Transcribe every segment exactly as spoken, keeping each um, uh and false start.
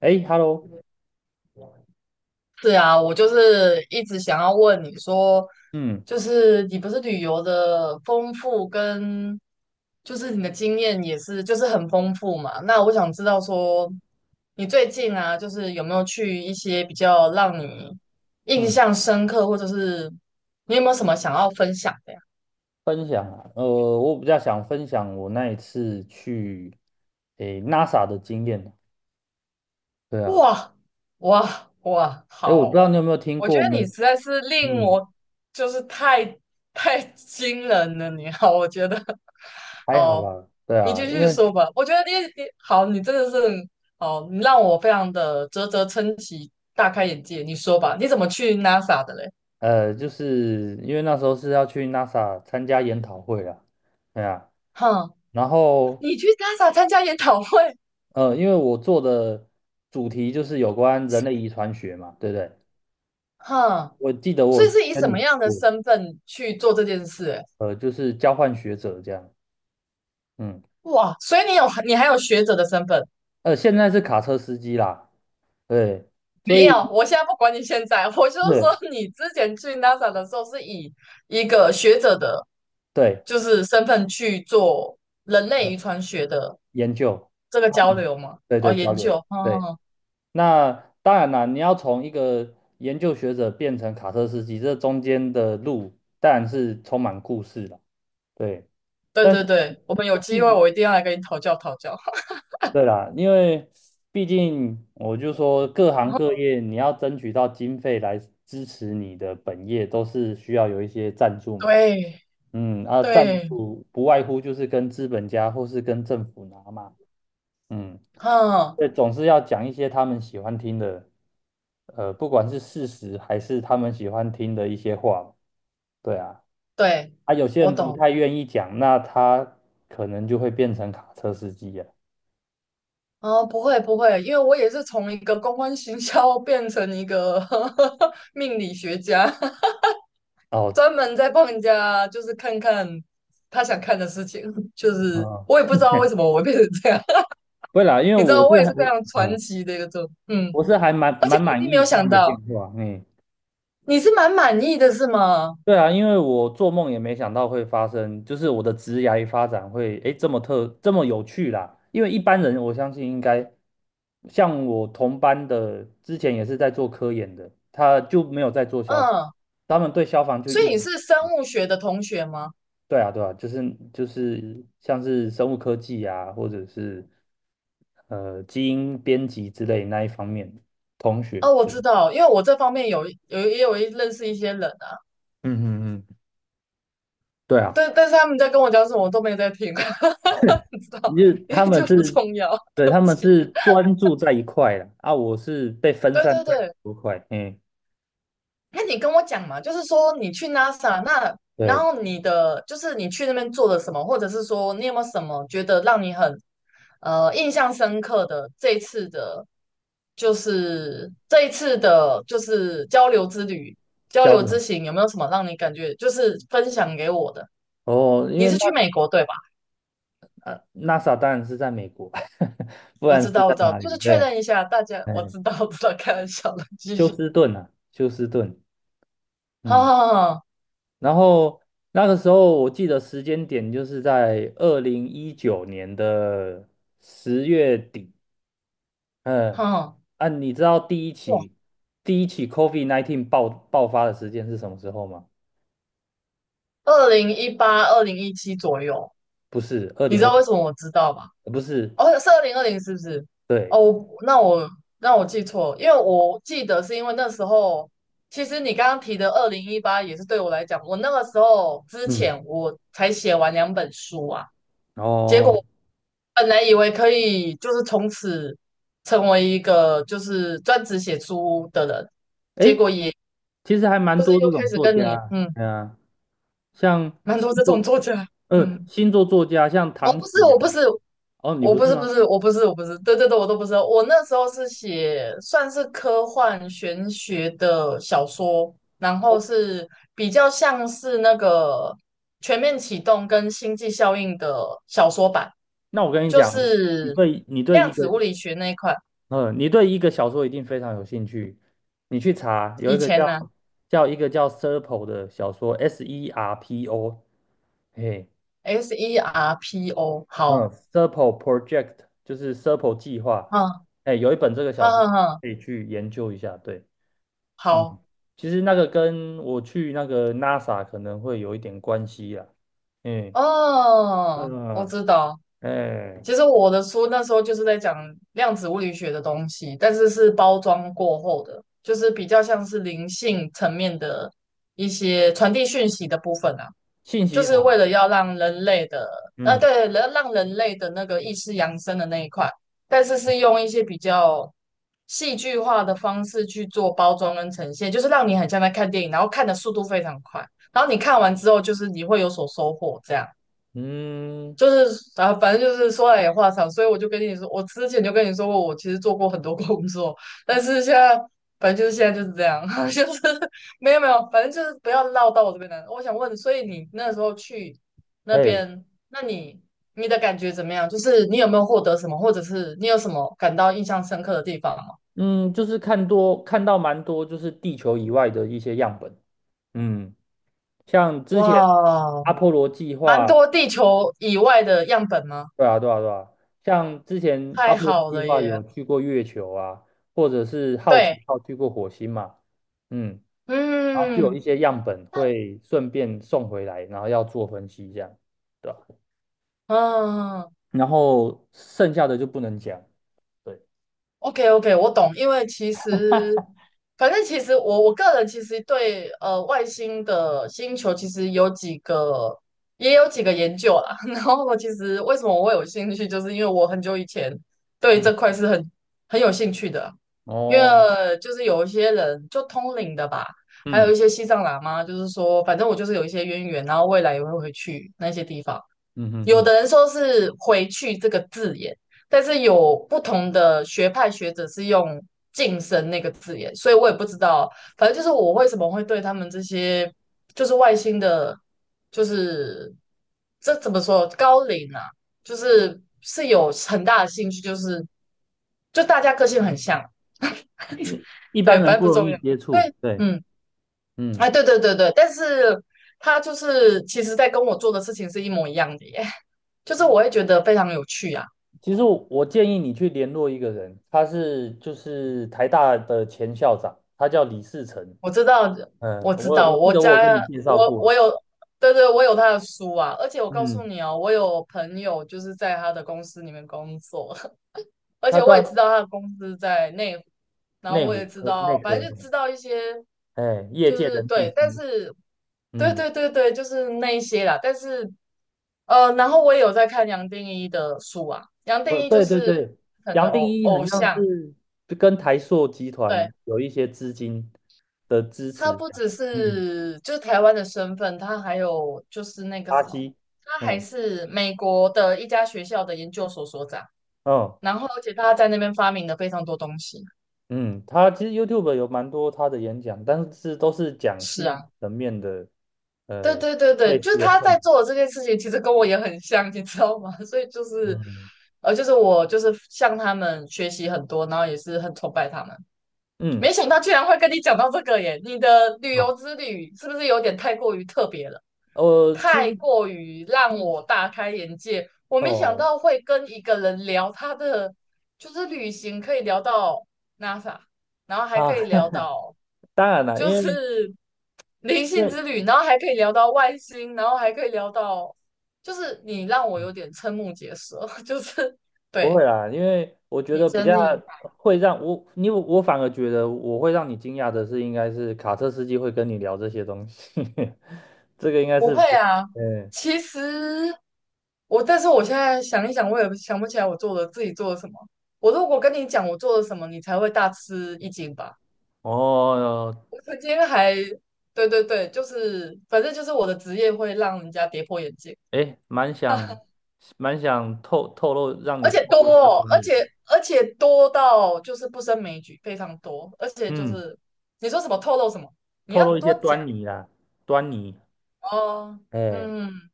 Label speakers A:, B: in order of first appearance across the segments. A: 哎，Hello。
B: 是啊，我就是一直想要问你说，
A: 嗯
B: 就是你不是旅游的丰富跟，就是你的经验也是就是很丰富嘛？那我想知道说，你最近啊，就是有没有去一些比较让你印
A: 嗯。
B: 象深刻，或者是你有没有什么想要分享的？呀？
A: 分享啊，呃，我比较想分享我那一次去，诶，NASA 的经验啊。对啊。
B: 哇哇哇，
A: 哎，我不知道
B: 好！
A: 你有没有听
B: 我觉
A: 过
B: 得
A: 没。
B: 你实在是令
A: 嗯，
B: 我就是太太惊人了，你好，我觉得
A: 还好
B: 好，
A: 啦。对
B: 你
A: 啊，
B: 继
A: 因
B: 续
A: 为
B: 说吧。我觉得你你好，你真的是好，你让我非常的啧啧称奇，大开眼界。你说吧，你怎么去 NASA 的嘞？
A: 呃，就是因为那时候是要去 NASA 参加研讨会啦。对啊。
B: 哼，
A: 然后
B: 你去 NASA 参加研讨会，
A: 呃，因为我做的主题就是有关人类遗传学嘛，对不对？
B: 哼，
A: 我记得我
B: 所以
A: 有
B: 是以
A: 跟
B: 什么
A: 你
B: 样的
A: 我
B: 身份去做这件事欸
A: 呃，就是交换学者这样。嗯。
B: 哇，所以你有你还有学者的身份。
A: 呃，现在是卡车司机啦。对，所
B: 没
A: 以
B: 有，我现在不管你现在，我就是
A: 是，
B: 说你之前去 NASA 的时候是以一个学者的，
A: 对，
B: 就是身份去做人类遗
A: 呃，
B: 传学的
A: 研究，
B: 这个交流嘛，
A: 对
B: 哦，
A: 对，交
B: 研
A: 流，
B: 究，
A: 对。
B: 嗯，
A: 那当然啦，你要从一个研究学者变成卡车司机，这中间的路当然是充满故事了。对。
B: 对
A: 但
B: 对
A: 是
B: 对，我们有
A: 我记
B: 机会
A: 得
B: 我一定要来跟你讨教讨教。
A: 对啦，因为毕竟我就说各行各 业你要争取到经费来支持你的本业，都是需要有一些赞助嘛。
B: 对
A: 嗯啊，赞
B: 对，
A: 助不外乎就是跟资本家或是跟政府拿嘛。嗯，
B: 嗯，
A: 对，总是要讲一些他们喜欢听的，呃，不管是事实还是他们喜欢听的一些话。对啊。
B: 对，
A: 啊，有些
B: 我
A: 人不
B: 懂。
A: 太愿意讲，那他可能就会变成卡车司机啊。
B: 哦，不会不会，因为我也是从一个公关行销变成一个 命理学家。
A: 哦，
B: 专门在帮人家，就是看看他想看的事情，就是我
A: 嗯，
B: 也不知道为什么我会变成这样，
A: 不会 啦，因为
B: 你知
A: 我
B: 道我
A: 是
B: 也
A: 还，
B: 是非常传
A: 嗯，
B: 奇的一个状，嗯，
A: 我是还蛮
B: 而且
A: 蛮
B: 你一
A: 满
B: 定没
A: 意
B: 有
A: 这
B: 想
A: 样的
B: 到，
A: 变化。嗯。
B: 你是蛮满意的是吗？
A: 对啊，因为我做梦也没想到会发生，就是我的职涯发展会诶这么特这么有趣啦。因为一般人我相信应该像我同班的，之前也是在做科研的，他就没有在做消防，
B: 嗯，
A: 他们对消防就
B: 所
A: 一
B: 以
A: 无。
B: 你是生物学的同学吗？
A: 对啊对啊，就是就是像是生物科技啊，或者是呃基因编辑之类那一方面同学。
B: 哦，我知道，因为我这方面有有也有一认识一些人啊，
A: 嗯嗯嗯，对啊。
B: 但但是他们在跟我讲什么，我都没在听，你知
A: 就
B: 道，
A: 为
B: 因为
A: 他
B: 就
A: 们
B: 不
A: 是，
B: 重要，
A: 对，
B: 对
A: 他
B: 不
A: 们
B: 起。
A: 是专注在一块的啊，我是被分
B: 对
A: 散
B: 对
A: 在很
B: 对，
A: 多块。嗯，
B: 那你跟我讲嘛，就是说你去 NASA 那，然
A: 对，
B: 后你的就是你去那边做了什么，或者是说你有没有什么觉得让你很呃印象深刻的这一次的，就是这一次的，就是交流之旅、交
A: 交
B: 流
A: 流。
B: 之行，有没有什么让你感觉就是分享给我的？
A: 哦，因
B: 你
A: 为
B: 是
A: 那
B: 去美国对吧？
A: 呃 NASA 当然是在美国。不
B: 我
A: 然
B: 知
A: 是
B: 道，
A: 在
B: 我知道，
A: 哪
B: 就
A: 里？
B: 是确
A: 对，
B: 认一下大家，
A: 哎，
B: 我知道，我知道，开玩笑的，继
A: 休
B: 续，
A: 斯顿啊，休斯顿。
B: 好
A: 嗯，
B: 好好
A: 然后那个时候我记得时间点就是在二零一九年的十月底。
B: 好，
A: 嗯，
B: 好
A: 啊，你知道第一
B: 哇，
A: 起第一起 COVID 十九 爆爆发的时间是什么时候吗？
B: 二零一八、二零一七左右。
A: 不是二
B: 你
A: 零
B: 知
A: 二
B: 道为
A: 零
B: 什么我知道吗？
A: 呃不是。
B: 哦，是二零二零是不是？
A: 对。
B: 哦，我那我那我记错了因为我记得是因为那时候，其实你刚刚提的二零一八也是对我来讲，我那个时候之
A: 嗯，
B: 前我才写完两本书啊，结
A: 哦，
B: 果本来以为可以就是从此成为一个就是专职写书的人，结果
A: 诶，
B: 也
A: 其实还蛮
B: 就是
A: 多这
B: 又开
A: 种
B: 始
A: 作
B: 跟你
A: 家。
B: 嗯，
A: 对啊，像
B: 蛮
A: 星
B: 多这种
A: 座。
B: 作家，
A: 嗯，
B: 嗯，
A: 星座作家像
B: 我
A: 唐
B: 不
A: 启
B: 是我不
A: 阳。
B: 是，
A: 哦，你
B: 我
A: 不
B: 不
A: 是
B: 是不
A: 吗？
B: 是我不是我不是，对对对，我都不是哦。我那时候是写算是科幻玄学的小说，然后是比较像是那个《全面启动》跟《星际效应》的小说版，
A: 那我跟你
B: 就
A: 讲，你
B: 是
A: 对你对
B: 量
A: 一个，
B: 子物理学那一块。
A: 嗯，你对一个小说一定非常有兴趣，你去查有一
B: 以
A: 个
B: 前呢
A: 叫叫一个叫 Serpo 的小说，S E R P O。嘿。
B: ，S E R P O，
A: 嗯
B: 好，
A: s e r p e Project， 就是 s e r p e 计划。
B: 嗯，
A: 哎，有一本这个小
B: 哼
A: 说
B: 哼哼
A: 可以去研究一下。对。嗯，
B: 好，
A: 其实那个跟我去那个 NASA 可能会有一点关系啦。嗯
B: 哦，我
A: 嗯，
B: 知道。
A: 哎，
B: 其实我的书那时候就是在讲量子物理学的东西，但是是包装过后的，就是比较像是灵性层面的一些传递讯息的部分啊，
A: 信
B: 就
A: 息
B: 是为
A: 场。
B: 了要让人类的，呃，
A: 嗯
B: 对，让让人类的那个意识扬升的那一块，但是是用一些比较戏剧化的方式去做包装跟呈现，就是让你很像在看电影，然后看的速度非常快，然后你看完之后，就是你会有所收获这样。
A: 嗯，
B: 就是啊，反正就是说来也话长，所以我就跟你说，我之前就跟你说过，我其实做过很多工作，但是现在反正就是现在就是这样，就是没有没有，反正就是不要绕到我这边来。我想问，所以你那时候去那
A: 嘿，
B: 边，那你你的感觉怎么样？就是你有没有获得什么，或者是你有什么感到印象深刻的地方吗？
A: 嗯，就是看多看到蛮多，就是地球以外的一些样本。嗯，像之前
B: 哇，
A: 阿波罗计
B: 蛮
A: 划。
B: 多地球以外的样本吗？
A: 对啊，对啊，对啊，像之前阿
B: 太
A: 波罗
B: 好
A: 计
B: 了
A: 划
B: 耶！
A: 有去过月球啊，或者是好
B: 对，
A: 奇号去过火星嘛。嗯，然后就有
B: 嗯
A: 一些样本会顺便送回来，然后要做分析这样，对吧？
B: 嗯。
A: 然后剩下的就不能讲。对。
B: OK OK，我懂，因为其实，反正其实我我个人其实对呃外星的星球其实有几个也有几个研究啦。然后我其实为什么我会有兴趣，就是因为我很久以前对
A: 嗯，
B: 这块是很很有兴趣的，因为
A: 哦，
B: 就是有一些人就通灵的吧，还
A: 嗯
B: 有一些西藏喇嘛，就是说反正我就是有一些渊源，然后未来也会回去那些地方。
A: 嗯嗯
B: 有
A: 嗯。
B: 的人说是"回去"这个字眼，但是有不同的学派学者是用"晋升"那个字眼，所以我也不知道。反正就是我为什么会对他们这些就是外星的，就是这怎么说高龄啊，就是是有很大的兴趣，就是就大家个性很像，
A: 你一般
B: 对，
A: 人
B: 反正
A: 不
B: 不
A: 容
B: 重
A: 易
B: 要。
A: 接触。
B: 对，
A: 对。
B: 嗯，
A: 嗯，
B: 啊，对对对对，但是他就是其实在跟我做的事情是一模一样的耶。就是我会觉得非常有趣啊。
A: 其实我我建议你去联络一个人，他是就是台大的前校长，他叫李士成。
B: 我知道，
A: 嗯，
B: 我知
A: 我
B: 道，
A: 我记
B: 我
A: 得我
B: 家
A: 有跟你介绍
B: 我我
A: 过。
B: 有，对对，我有他的书啊，而且我告诉
A: 嗯，
B: 你哦，我有朋友就是在他的公司里面工作，而
A: 他
B: 且我也
A: 在
B: 知道他的公司在内湖然后
A: 内
B: 我
A: 湖
B: 也知
A: 科内
B: 道，反
A: 科。
B: 正就知道一些，
A: 哎，业
B: 就
A: 界
B: 是
A: 的秘
B: 对，但
A: 书。
B: 是对
A: 嗯，
B: 对对对，就是那一些啦，但是呃，然后我也有在看杨定一的书啊，杨定
A: 呃，
B: 一就
A: 对对
B: 是
A: 对，
B: 可能
A: 杨定
B: 偶
A: 一很
B: 偶
A: 像
B: 像。
A: 是就跟台塑集
B: 对。
A: 团有一些资金的支
B: 他
A: 持。
B: 不只
A: 嗯，
B: 是就是台湾的身份，他还有就是那个
A: 巴
B: 什么，
A: 西。
B: 他
A: 哎，
B: 还是美国的一家学校的研究所所长。
A: 哦，
B: 然后，而且他在那边发明了非常多东西。
A: 嗯，他其实 YouTube 有蛮多他的演讲，但是都是讲
B: 是
A: 心理
B: 啊，
A: 层面的，
B: 对
A: 呃，
B: 对对对，
A: 类
B: 就是
A: 似的
B: 他在
A: 痛。
B: 做的这件事情，其实跟我也很像，你知道吗？所以就是，
A: 嗯
B: 呃，就是我就是向他们学习很多，然后也是很崇拜他们。
A: 嗯，
B: 没想到居然会跟你讲到这个耶！你的旅
A: 哦，
B: 游之旅是不是有点太过于特别了？
A: 我其
B: 太
A: 实
B: 过于让我大开眼界。我没想
A: 哦。
B: 到会跟一个人聊他的，就是旅行可以聊到 NASA，然后还
A: 啊，
B: 可以聊到
A: 当然了。
B: 就
A: 因为
B: 是 灵性
A: 对，
B: 之旅，然后还可以聊到外星，然后还可以聊到，就是你让我有点瞠目结舌，就是
A: 不会
B: 对
A: 啦，因为我觉
B: 你
A: 得比
B: 真
A: 较
B: 厉
A: 会让我因为我反而觉得我会让你惊讶的是，应该是卡车司机会跟你聊这些东西。这个应该
B: 不
A: 是
B: 会
A: 比较。
B: 啊，
A: 嗯，
B: 其实我，但是我现在想一想，我也想不起来我做了自己做了什么。我如果跟你讲我做了什么，你才会大吃一惊吧？
A: 哦，
B: 我曾经还，对对对，就是反正就是我的职业会让人家跌破眼镜，
A: 哎，蛮想 蛮想透透露让你
B: 而且
A: 透
B: 多
A: 露一下
B: 哦，
A: 端
B: 而
A: 倪。
B: 且而且多到就是不胜枚举，非常多，而且就
A: 嗯，
B: 是你说什么透露什么，你
A: 透
B: 要
A: 露一些
B: 多讲
A: 端倪啦，端倪。
B: 哦。
A: 哎，
B: 嗯，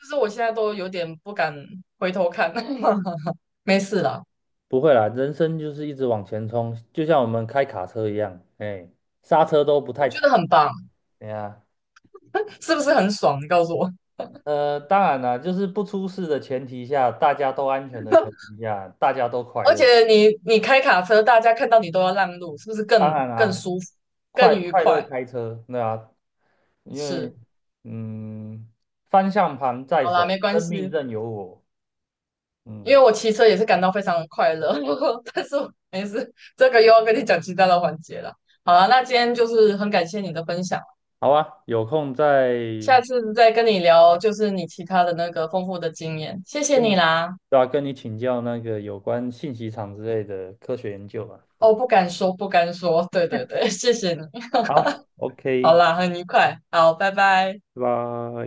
B: 就是我现在都有点不敢回头看，没事啦。
A: 不会啦，人生就是一直往前冲，就像我们开卡车一样。哎，刹车都不太
B: 我觉得
A: 踩。
B: 很棒，
A: 哎呀。
B: 是不是很爽？你告诉我。
A: 呃，当然啦，就是不出事的前提下，大家都安全的前提下，大家都快
B: 而
A: 乐。
B: 且你你开卡车，大家看到你都要让路，是不是
A: 当
B: 更
A: 然
B: 更
A: 啦，
B: 舒服、更
A: 快
B: 愉
A: 快乐
B: 快？
A: 开车。对啊，因为
B: 是，
A: 嗯，方向盘在
B: 好啦，
A: 手，
B: 没关
A: 生命
B: 系，
A: 任由我。
B: 因
A: 嗯，
B: 为我骑车也是感到非常的快乐，但是我没事，这个又要跟你讲其他的环节了。好啦，那今天就是很感谢你的分享，
A: 好啊，有空再
B: 下次再跟你聊就是你其他的那个丰富的经验，谢谢
A: 跟
B: 你
A: 你，
B: 啦。
A: 对啊，跟你请教那个有关信息场之类的科学研究吧，对
B: 哦，
A: 吧？
B: 不敢说，不敢说，对对对，谢谢你。
A: 好
B: 好
A: ，OK，
B: 啦，很愉快，好，拜拜。
A: 拜拜。